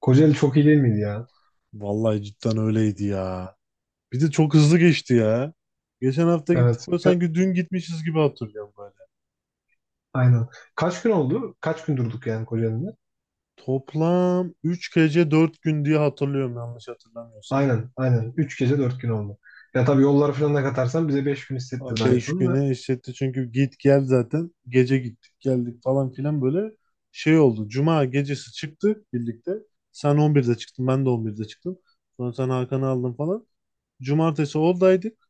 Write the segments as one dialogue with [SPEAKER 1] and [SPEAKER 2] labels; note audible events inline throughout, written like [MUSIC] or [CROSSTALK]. [SPEAKER 1] Kocaeli çok iyi değil miydi ya?
[SPEAKER 2] Vallahi cidden öyleydi ya. Bir de çok hızlı geçti ya. Geçen hafta gittik
[SPEAKER 1] Evet.
[SPEAKER 2] böyle sanki dün gitmişiz gibi hatırlıyorum böyle.
[SPEAKER 1] Aynen. Kaç gün oldu? Kaç gün durduk yani Kocaeli'nde?
[SPEAKER 2] Toplam 3 gece 4 gün diye hatırlıyorum yanlış hatırlamıyorsam.
[SPEAKER 1] Aynen. Aynen. 3 gece 4 gün oldu. Ya tabii yolları falan da katarsan bize 5 gün hissettirdi aynı
[SPEAKER 2] 5
[SPEAKER 1] konu da.
[SPEAKER 2] güne eşitti çünkü git gel zaten. Gece gittik geldik falan filan böyle şey oldu. Cuma gecesi çıktık birlikte. Sen 11'de çıktın ben de 11'de çıktım. Sonra sen Hakan'ı aldın falan. Cumartesi oradaydık.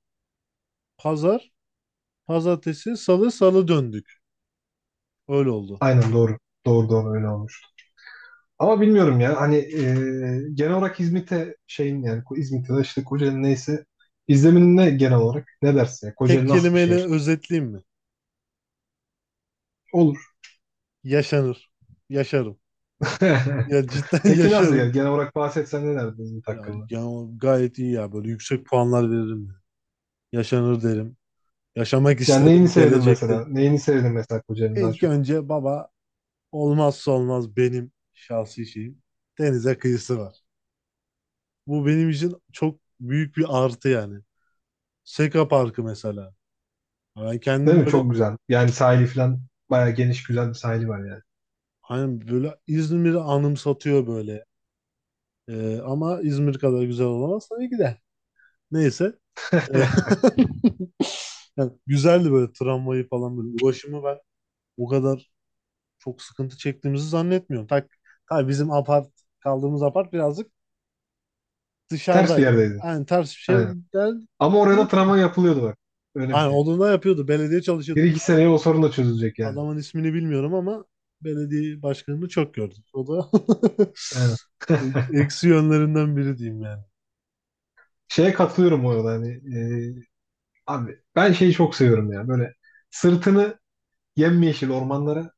[SPEAKER 2] Pazar, pazartesi, salı döndük. Öyle oldu.
[SPEAKER 1] Aynen doğru. Doğru, öyle olmuştu. Ama bilmiyorum ya hani genel olarak İzmit'e şeyin yani İzmit'e de işte Kocaeli neyse izlemin ne genel olarak ne dersin ya?
[SPEAKER 2] Tek
[SPEAKER 1] Kocaeli nasıl bir
[SPEAKER 2] kelimeyle
[SPEAKER 1] şehir?
[SPEAKER 2] özetleyeyim mi?
[SPEAKER 1] Olur.
[SPEAKER 2] Yaşanır. Yaşarım.
[SPEAKER 1] [LAUGHS]
[SPEAKER 2] Ya cidden [LAUGHS]
[SPEAKER 1] Peki nasıl ya?
[SPEAKER 2] yaşarım.
[SPEAKER 1] Genel olarak bahsetsen ne derdin İzmit
[SPEAKER 2] Ya,
[SPEAKER 1] hakkında?
[SPEAKER 2] ya gayet iyi ya. Böyle yüksek puanlar veririm. Yaşanır derim. Yaşamak
[SPEAKER 1] Yani neyini
[SPEAKER 2] isterim
[SPEAKER 1] sevdin
[SPEAKER 2] gelecekte.
[SPEAKER 1] mesela? Neyini sevdin mesela Kocaeli'nin daha
[SPEAKER 2] İlk
[SPEAKER 1] çok?
[SPEAKER 2] önce baba olmazsa olmaz benim şahsi şeyim. Denize kıyısı var. Bu benim için çok büyük bir artı yani. Seka Parkı mesela. Ben
[SPEAKER 1] Değil
[SPEAKER 2] kendim
[SPEAKER 1] mi?
[SPEAKER 2] böyle
[SPEAKER 1] Çok güzel. Yani sahili falan bayağı geniş güzel bir sahili var yani.
[SPEAKER 2] hani böyle İzmir'i anımsatıyor böyle. Ama İzmir kadar güzel olamaz tabii ki de. Neyse. E, [LAUGHS]
[SPEAKER 1] [LAUGHS]
[SPEAKER 2] Yani güzeldi böyle tramvayı falan böyle. Ulaşımı ben o kadar çok sıkıntı çektiğimizi zannetmiyorum. Ha bizim apart kaldığımız apart birazcık
[SPEAKER 1] Ters bir
[SPEAKER 2] dışarıdaydı.
[SPEAKER 1] yerdeydi.
[SPEAKER 2] Yani ters bir şeyler
[SPEAKER 1] Aynen.
[SPEAKER 2] değil
[SPEAKER 1] Ama oraya da
[SPEAKER 2] değil de.
[SPEAKER 1] tramvay yapılıyordu bak. Öyle bir
[SPEAKER 2] Yani
[SPEAKER 1] şey.
[SPEAKER 2] onu da yapıyordu. Belediye
[SPEAKER 1] Bir
[SPEAKER 2] çalışıyordu.
[SPEAKER 1] iki seneye o sorun da çözülecek yani.
[SPEAKER 2] Adamın ismini bilmiyorum ama belediye başkanını çok gördük. O da
[SPEAKER 1] Aynen.
[SPEAKER 2] [LAUGHS]
[SPEAKER 1] [LAUGHS]
[SPEAKER 2] eksi yönlerinden biri diyeyim yani.
[SPEAKER 1] Şeye katılıyorum bu arada hani e, abi ben şeyi çok seviyorum ya böyle sırtını yemyeşil ormanlara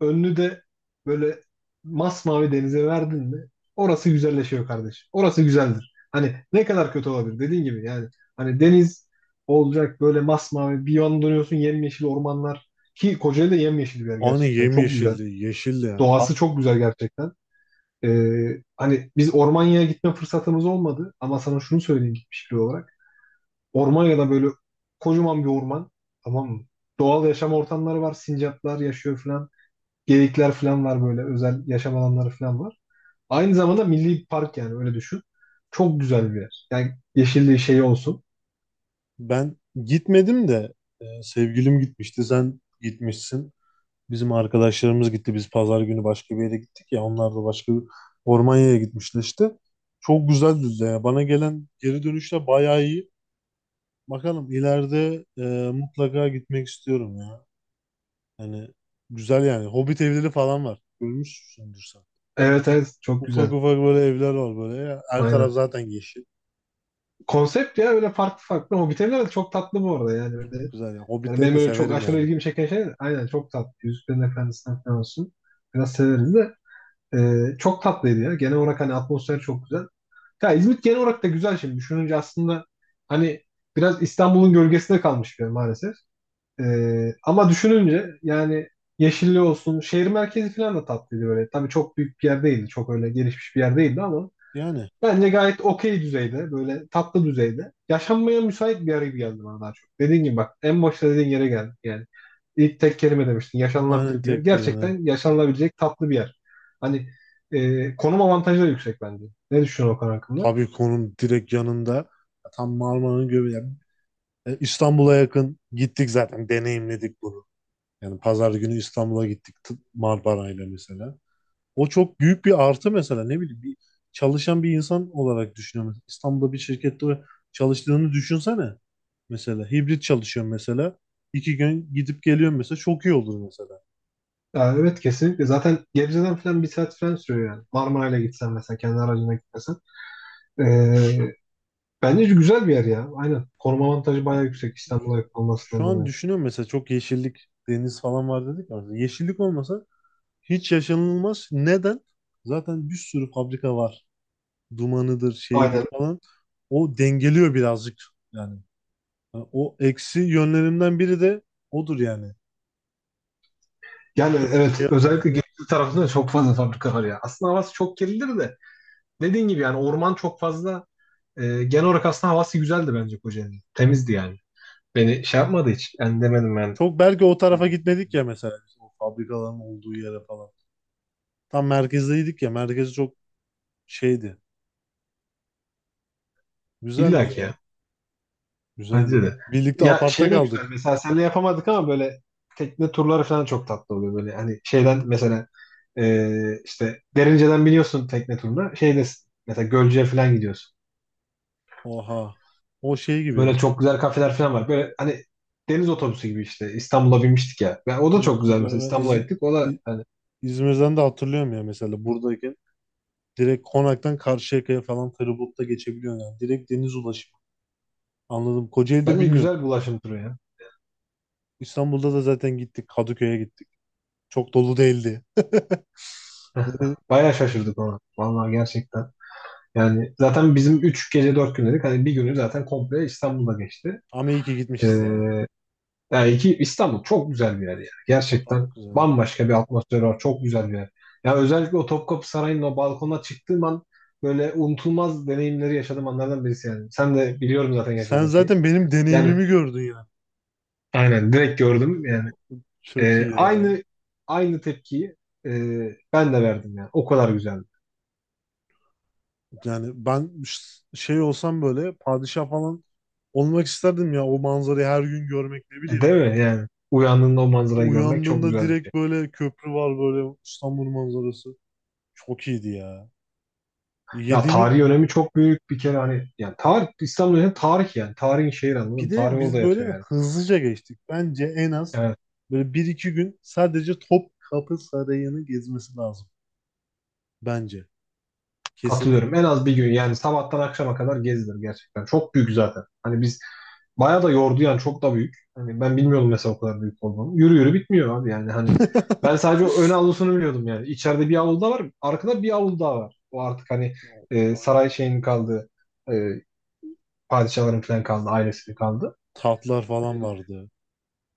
[SPEAKER 1] önünü de böyle masmavi denize verdin mi orası güzelleşiyor kardeş. Orası güzeldir. Hani ne kadar kötü olabilir dediğin gibi yani hani deniz olacak böyle masmavi bir yan dönüyorsun yemyeşil ormanlar ki Kocaeli de yemyeşil bir yer
[SPEAKER 2] Aynı
[SPEAKER 1] gerçekten çok güzel.
[SPEAKER 2] yemyeşildi, yeşildi yani.
[SPEAKER 1] Doğası çok güzel gerçekten. Hani biz Ormanya'ya gitme fırsatımız olmadı ama sana şunu söyleyeyim gitmiş biri olarak. Ormanya'da böyle kocaman bir orman, tamam mı? Doğal yaşam ortamları var. Sincaplar yaşıyor falan. Geyikler falan var böyle. Özel yaşam alanları falan var. Aynı zamanda milli park yani öyle düşün. Çok güzel bir yer. Yani yeşilliği şey olsun.
[SPEAKER 2] Ben gitmedim de sevgilim gitmişti. Sen gitmişsin. Bizim arkadaşlarımız gitti. Biz pazar günü başka bir yere gittik ya. Onlar da başka bir Ormanya'ya gitmişler işte. Çok güzeldi de ya. Bana gelen geri dönüşler bayağı iyi. Bakalım ileride mutlaka gitmek istiyorum ya. Yani güzel yani. Hobbit evleri falan var. Görmüşsündür sen.
[SPEAKER 1] Evet evet, çok
[SPEAKER 2] Ufak
[SPEAKER 1] güzel.
[SPEAKER 2] ufak böyle evler var böyle. Ya. Her taraf
[SPEAKER 1] Aynen.
[SPEAKER 2] zaten yeşil.
[SPEAKER 1] Konsept ya, öyle farklı farklı. O bitenler de çok tatlı bu arada yani. Öyle,
[SPEAKER 2] Güzel ya.
[SPEAKER 1] yani
[SPEAKER 2] Hobbitleri
[SPEAKER 1] benim
[SPEAKER 2] de
[SPEAKER 1] öyle çok
[SPEAKER 2] severim
[SPEAKER 1] aşırı
[SPEAKER 2] yani.
[SPEAKER 1] ilgimi çeken şey de aynen çok tatlı. Yüzüklerin Efendisi'nden falan olsun. Biraz severiz de. Çok tatlıydı ya. Genel olarak hani atmosfer çok güzel. Ya İzmit genel olarak da güzel şimdi. Düşününce aslında hani biraz İstanbul'un gölgesinde kalmış bir yer maalesef. Ama düşününce yani yeşilli olsun, şehir merkezi falan da tatlıydı böyle. Tabii çok büyük bir yer değildi, çok öyle gelişmiş bir yer değildi, ama
[SPEAKER 2] Yani
[SPEAKER 1] bence gayet okey düzeyde, böyle tatlı düzeyde. Yaşanmaya müsait bir yer gibi geldi bana daha çok. Dediğin gibi bak, en başta dediğin yere geldik yani. İlk tek kelime demiştin,
[SPEAKER 2] aynen
[SPEAKER 1] yaşanılabilir bir yer.
[SPEAKER 2] tek yerine.
[SPEAKER 1] Gerçekten yaşanılabilecek tatlı bir yer. Hani konum avantajı da yüksek bence. Ne düşünüyorsun Okan hakkında?
[SPEAKER 2] Tabikon'un direkt yanında. Tam Marmara'nın göbeği. Yani İstanbul'a yakın gittik zaten. Deneyimledik bunu. Yani pazar günü İstanbul'a gittik Marmara'yla mesela. O çok büyük bir artı mesela. Ne bileyim bir çalışan bir insan olarak düşünüyorum. İstanbul'da bir şirkette çalıştığını düşünsene. Mesela hibrit çalışıyorum mesela. 2 gün gidip geliyorum mesela. Çok iyi olur mesela.
[SPEAKER 1] Ya evet, kesinlikle. Zaten Gebze'den falan bir saat falan sürüyor yani. Marmaray'la gitsen mesela kendi aracına gitmesen. Ee, Bence güzel bir yer ya. Aynen. Koruma avantajı bayağı
[SPEAKER 2] Yani
[SPEAKER 1] yüksek İstanbul'a yakın
[SPEAKER 2] şu
[SPEAKER 1] olmasından
[SPEAKER 2] an
[SPEAKER 1] dolayı.
[SPEAKER 2] düşünüyorum mesela çok yeşillik, deniz falan var dedik ya. Yeşillik olmasa hiç yaşanılmaz. Neden? Zaten bir sürü fabrika var. Dumanıdır, şeyidir
[SPEAKER 1] Aynen.
[SPEAKER 2] falan. O dengeliyor birazcık yani. Yani o eksi yönlerimden biri de odur yani.
[SPEAKER 1] Yani evet,
[SPEAKER 2] Şey yani.
[SPEAKER 1] özellikle Gebze tarafında çok fazla fabrika var ya. Aslında havası çok kirlidir de. Dediğin gibi yani orman çok fazla. E, genel olarak aslında havası güzeldi bence Kocaeli'nin. Temizdi yani. Beni şey yapmadı hiç. Yani demedim ben.
[SPEAKER 2] Çok belki o
[SPEAKER 1] Şey,
[SPEAKER 2] tarafa
[SPEAKER 1] kötü
[SPEAKER 2] gitmedik
[SPEAKER 1] diye.
[SPEAKER 2] ya mesela biz o fabrikaların olduğu yere falan. Tam merkezdeydik ya. Merkez çok şeydi. Güzeldi
[SPEAKER 1] İlla ki
[SPEAKER 2] ya.
[SPEAKER 1] ya.
[SPEAKER 2] Güzeldi.
[SPEAKER 1] Bence de.
[SPEAKER 2] Birlikte
[SPEAKER 1] Ya
[SPEAKER 2] apartta
[SPEAKER 1] şey de güzel.
[SPEAKER 2] kaldık.
[SPEAKER 1] Mesela seninle yapamadık ama böyle tekne turları falan çok tatlı oluyor. Böyle hani şeyden mesela işte Derince'den biniyorsun tekne turuna. Şeyde mesela Gölcük'e falan gidiyorsun.
[SPEAKER 2] Oha. O şey gibi.
[SPEAKER 1] Böyle çok güzel kafeler falan var. Böyle hani deniz otobüsü gibi işte İstanbul'a binmiştik ya. Ya o da
[SPEAKER 2] Şimdi
[SPEAKER 1] çok
[SPEAKER 2] bir de
[SPEAKER 1] güzel, mesela
[SPEAKER 2] galiba
[SPEAKER 1] İstanbul'a gittik. O da
[SPEAKER 2] İ-
[SPEAKER 1] hani
[SPEAKER 2] İzmir'den de hatırlıyorum ya mesela buradayken. Direkt Konak'tan Karşıyaka'ya falan feribotla geçebiliyorsun yani. Direkt deniz ulaşımı. Anladım. Kocaeli'de
[SPEAKER 1] bence
[SPEAKER 2] bilmiyorum.
[SPEAKER 1] güzel bir ulaşım turu ya.
[SPEAKER 2] İstanbul'da da zaten gittik. Kadıköy'e gittik. Çok dolu değildi. Yani,
[SPEAKER 1] [LAUGHS] Bayağı şaşırdık ona. Vallahi gerçekten. Yani zaten bizim 3 gece 4 gün dedik. Hani bir günü zaten komple İstanbul'da geçti.
[SPEAKER 2] ama iyi ki
[SPEAKER 1] Ee,
[SPEAKER 2] gitmişiz ya.
[SPEAKER 1] Yani İstanbul çok güzel bir yer yani.
[SPEAKER 2] Çok
[SPEAKER 1] Gerçekten
[SPEAKER 2] güzel ya.
[SPEAKER 1] bambaşka bir atmosfer var. Çok güzel bir yer. Yani özellikle o Topkapı Sarayı'nın o balkona çıktığım an böyle unutulmaz deneyimleri yaşadığım anlardan birisi yani. Sen de biliyorum zaten
[SPEAKER 2] Sen
[SPEAKER 1] yaşadığın şeyi.
[SPEAKER 2] zaten benim
[SPEAKER 1] Yani
[SPEAKER 2] deneyimimi gördün ya.
[SPEAKER 1] aynen direkt gördüm yani.
[SPEAKER 2] Çok iyi
[SPEAKER 1] Ee,
[SPEAKER 2] ya.
[SPEAKER 1] aynı aynı tepkiyi e, ben de verdim yani. O kadar güzeldi.
[SPEAKER 2] Yani ben şey olsam böyle padişah falan olmak isterdim ya. O manzarayı her gün görmek ne
[SPEAKER 1] E,
[SPEAKER 2] bileyim.
[SPEAKER 1] değil mi yani? Uyandığında o manzarayı görmek çok
[SPEAKER 2] Uyandığında
[SPEAKER 1] güzel bir şey.
[SPEAKER 2] direkt böyle köprü var böyle İstanbul manzarası. Çok iyiydi ya.
[SPEAKER 1] Ya
[SPEAKER 2] Yediğimiz
[SPEAKER 1] tarihi önemi çok büyük bir kere hani, yani tarih, İstanbul'un tarih yani. Tarihin şehri, anladın
[SPEAKER 2] Bir
[SPEAKER 1] mı?
[SPEAKER 2] de
[SPEAKER 1] Tarih orada
[SPEAKER 2] biz
[SPEAKER 1] yatıyor
[SPEAKER 2] böyle
[SPEAKER 1] yani.
[SPEAKER 2] hızlıca geçtik. Bence en az
[SPEAKER 1] Yani
[SPEAKER 2] böyle 1-2 gün sadece Topkapı Sarayı'nı gezmesi lazım. Bence.
[SPEAKER 1] katılıyorum.
[SPEAKER 2] Kesinlikle.
[SPEAKER 1] En az bir gün yani sabahtan akşama kadar gezilir gerçekten. Çok büyük zaten. Hani biz bayağı da yordu yani, çok da büyük. Hani ben bilmiyordum mesela o kadar büyük olduğunu. Yürü yürü bitmiyor abi yani hani. Ben
[SPEAKER 2] [LAUGHS]
[SPEAKER 1] sadece o ön avlusunu biliyordum yani. İçeride bir avlu daha var. Arkada bir avlu daha var. O artık hani saray şeyinin kaldığı e, padişahların falan kaldı. Ailesinin kaldı.
[SPEAKER 2] Tatlar
[SPEAKER 1] E,
[SPEAKER 2] falan vardı.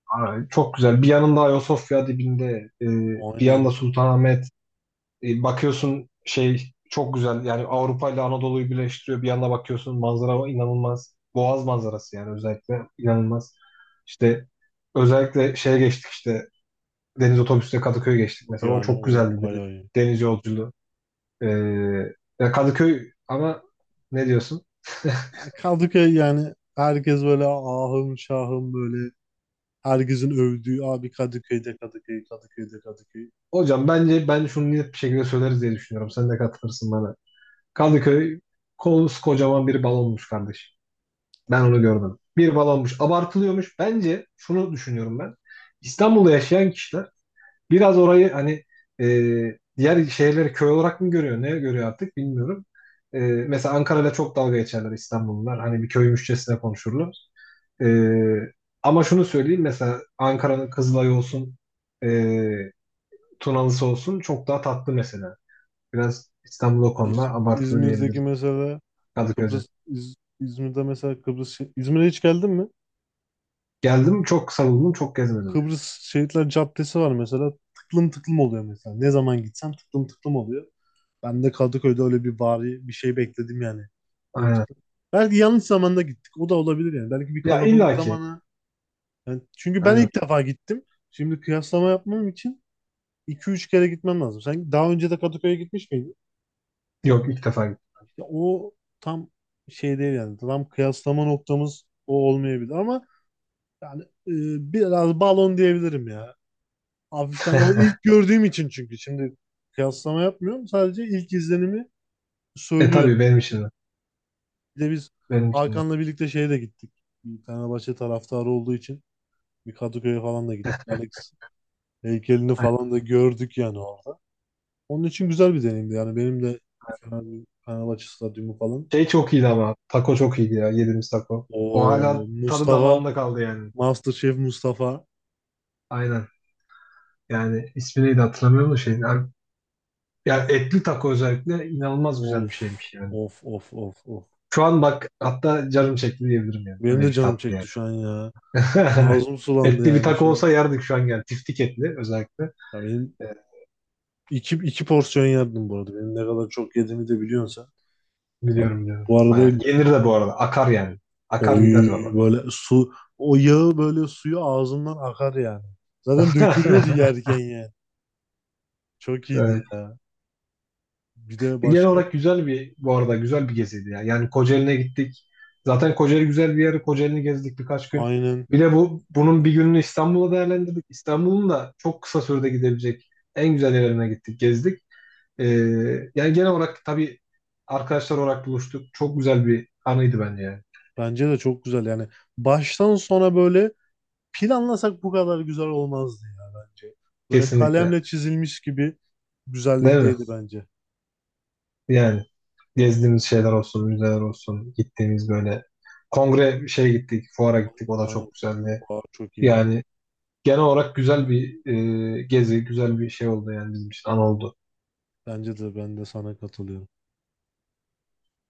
[SPEAKER 1] Ay, çok güzel. Bir yanında Ayasofya dibinde bir
[SPEAKER 2] Aynen.
[SPEAKER 1] yanda Sultanahmet. Bakıyorsun şey, çok güzel yani, Avrupa ile Anadolu'yu birleştiriyor. Bir yana bakıyorsun manzara inanılmaz. Boğaz manzarası yani özellikle inanılmaz. İşte özellikle şeye geçtik, işte deniz otobüsüyle Kadıköy'e geçtik mesela. O
[SPEAKER 2] Yani
[SPEAKER 1] çok
[SPEAKER 2] o
[SPEAKER 1] güzeldi, bir
[SPEAKER 2] bayağı iyi.
[SPEAKER 1] deniz yolculuğu. Ee, Ya Kadıköy ama, ne diyorsun? [LAUGHS]
[SPEAKER 2] Yani Kadıköy yani herkes böyle ahım şahım böyle herkesin övdüğü abi Kadıköy'de Kadıköy, Kadıköy'de Kadıköy.
[SPEAKER 1] Hocam bence ben şunu net bir şekilde söyleriz diye düşünüyorum. Sen de katılırsın bana. Kadıköy kocaman bir balonmuş kardeşim. Ben onu görmedim. Bir balonmuş. Abartılıyormuş. Bence şunu düşünüyorum ben. İstanbul'da yaşayan kişiler biraz orayı hani e, diğer şehirleri köy olarak mı görüyor? Ne görüyor artık bilmiyorum. E, mesela Ankara'yla çok dalga geçerler İstanbullular. Hani bir köymüşçesine konuşurlar. E, ama şunu söyleyeyim. Mesela Ankara'nın Kızılay'ı olsun, e, Tunalısı olsun çok daha tatlı mesela. Biraz İstanbul o konuda abartılıyor
[SPEAKER 2] İzmir'deki
[SPEAKER 1] diyebilirim.
[SPEAKER 2] mesela
[SPEAKER 1] Kadıköy'e.
[SPEAKER 2] Kıbrıs İzmir'de mesela Kıbrıs İzmir'e hiç geldin mi?
[SPEAKER 1] Geldim, çok savundum, çok gezmedim.
[SPEAKER 2] Kıbrıs Şehitler Caddesi var mesela. Tıklım tıklım oluyor mesela. Ne zaman gitsem tıklım tıklım oluyor. Ben de Kadıköy'de öyle bir bari bir şey bekledim yani. Benim
[SPEAKER 1] Aynen.
[SPEAKER 2] tıklım. Belki yanlış zamanda gittik. O da olabilir yani. Belki bir
[SPEAKER 1] Ya
[SPEAKER 2] kalabalık
[SPEAKER 1] illaki.
[SPEAKER 2] zamanı. Yani çünkü ben
[SPEAKER 1] Aynen.
[SPEAKER 2] ilk defa gittim. Şimdi kıyaslama yapmam için 2-3 kere gitmem lazım. Sen daha önce de Kadıköy'e gitmiş miydin?
[SPEAKER 1] Yok, ilk defa gittim.
[SPEAKER 2] Ya o tam şey değil yani. Tam kıyaslama noktamız o olmayabilir ama yani biraz balon diyebilirim ya. Hafiften o
[SPEAKER 1] [LAUGHS]
[SPEAKER 2] ilk gördüğüm için çünkü şimdi kıyaslama yapmıyorum. Sadece ilk izlenimi
[SPEAKER 1] E
[SPEAKER 2] söylüyorum.
[SPEAKER 1] tabii benim için de.
[SPEAKER 2] Bir de biz
[SPEAKER 1] Benim için de.
[SPEAKER 2] Hakan'la birlikte şeye de gittik. Bir Fenerbahçe taraftarı olduğu için bir Kadıköy'e falan da gittik. Alex heykelini
[SPEAKER 1] Aynen.
[SPEAKER 2] falan da gördük yani orada. Onun için güzel bir deneyimdi. Yani benim de Fenerbahçe stadyumu falan.
[SPEAKER 1] Şey çok iyiydi ama. Taco çok iyiydi ya. Yediğimiz taco. O
[SPEAKER 2] O
[SPEAKER 1] hala tadı
[SPEAKER 2] Mustafa,
[SPEAKER 1] damağımda kaldı yani.
[SPEAKER 2] MasterChef Mustafa.
[SPEAKER 1] Aynen. Yani ismi neydi hatırlamıyorum da şeyin. Yani, yani etli taco özellikle inanılmaz güzel bir
[SPEAKER 2] Of,
[SPEAKER 1] şeymiş yani.
[SPEAKER 2] of, of, of, of.
[SPEAKER 1] Şu an bak hatta canım çekti diyebilirim yani.
[SPEAKER 2] Benim
[SPEAKER 1] Öyle
[SPEAKER 2] de
[SPEAKER 1] bir
[SPEAKER 2] canım
[SPEAKER 1] tatlı
[SPEAKER 2] çekti
[SPEAKER 1] yani.
[SPEAKER 2] şu an ya.
[SPEAKER 1] [LAUGHS]
[SPEAKER 2] Ağzım sulandı
[SPEAKER 1] Etli bir
[SPEAKER 2] yani
[SPEAKER 1] taco
[SPEAKER 2] şu an.
[SPEAKER 1] olsa yerdik şu an yani. Tiftik etli özellikle.
[SPEAKER 2] Ya benim
[SPEAKER 1] E,
[SPEAKER 2] iki porsiyon yerdim bu arada. Benim ne kadar çok yediğimi de biliyorsun sen. Ben
[SPEAKER 1] Biliyorum diyorum.
[SPEAKER 2] bu arada
[SPEAKER 1] Bayağı. Yenir de bu arada. Akar yani. Akar
[SPEAKER 2] oy
[SPEAKER 1] gider baba.
[SPEAKER 2] böyle su o yağı böyle suyu ağzımdan akar yani. Zaten dökülüyordu
[SPEAKER 1] [LAUGHS]
[SPEAKER 2] yerken yani. Çok iyiydi
[SPEAKER 1] Evet.
[SPEAKER 2] ya. Bir de
[SPEAKER 1] Genel
[SPEAKER 2] başka
[SPEAKER 1] olarak güzel bir, bu arada güzel bir geziydi ya. Yani Kocaeli'ne gittik. Zaten Kocaeli güzel bir yer. Kocaeli'ni gezdik birkaç gün.
[SPEAKER 2] aynen
[SPEAKER 1] Bir de bunun bir gününü İstanbul'da değerlendirdik. İstanbul'un da çok kısa sürede gidebilecek en güzel yerlerine gittik, gezdik. Ee, Yani genel olarak tabii arkadaşlar olarak buluştuk. Çok güzel bir anıydı bence yani.
[SPEAKER 2] bence de çok güzel yani. Baştan sona böyle planlasak bu kadar güzel olmazdı ya bence. Böyle
[SPEAKER 1] Kesinlikle.
[SPEAKER 2] kalemle çizilmiş gibi
[SPEAKER 1] Değil mi?
[SPEAKER 2] güzellikteydi bence.
[SPEAKER 1] Yani gezdiğimiz şeyler olsun, müzeler olsun, gittiğimiz böyle kongre şeye gittik, fuara gittik. O da
[SPEAKER 2] Aynen.
[SPEAKER 1] çok güzeldi.
[SPEAKER 2] Aa, çok iyiydi.
[SPEAKER 1] Yani genel olarak güzel bir gezi, güzel bir şey oldu yani bizim için, an oldu.
[SPEAKER 2] Bence de ben de sana katılıyorum.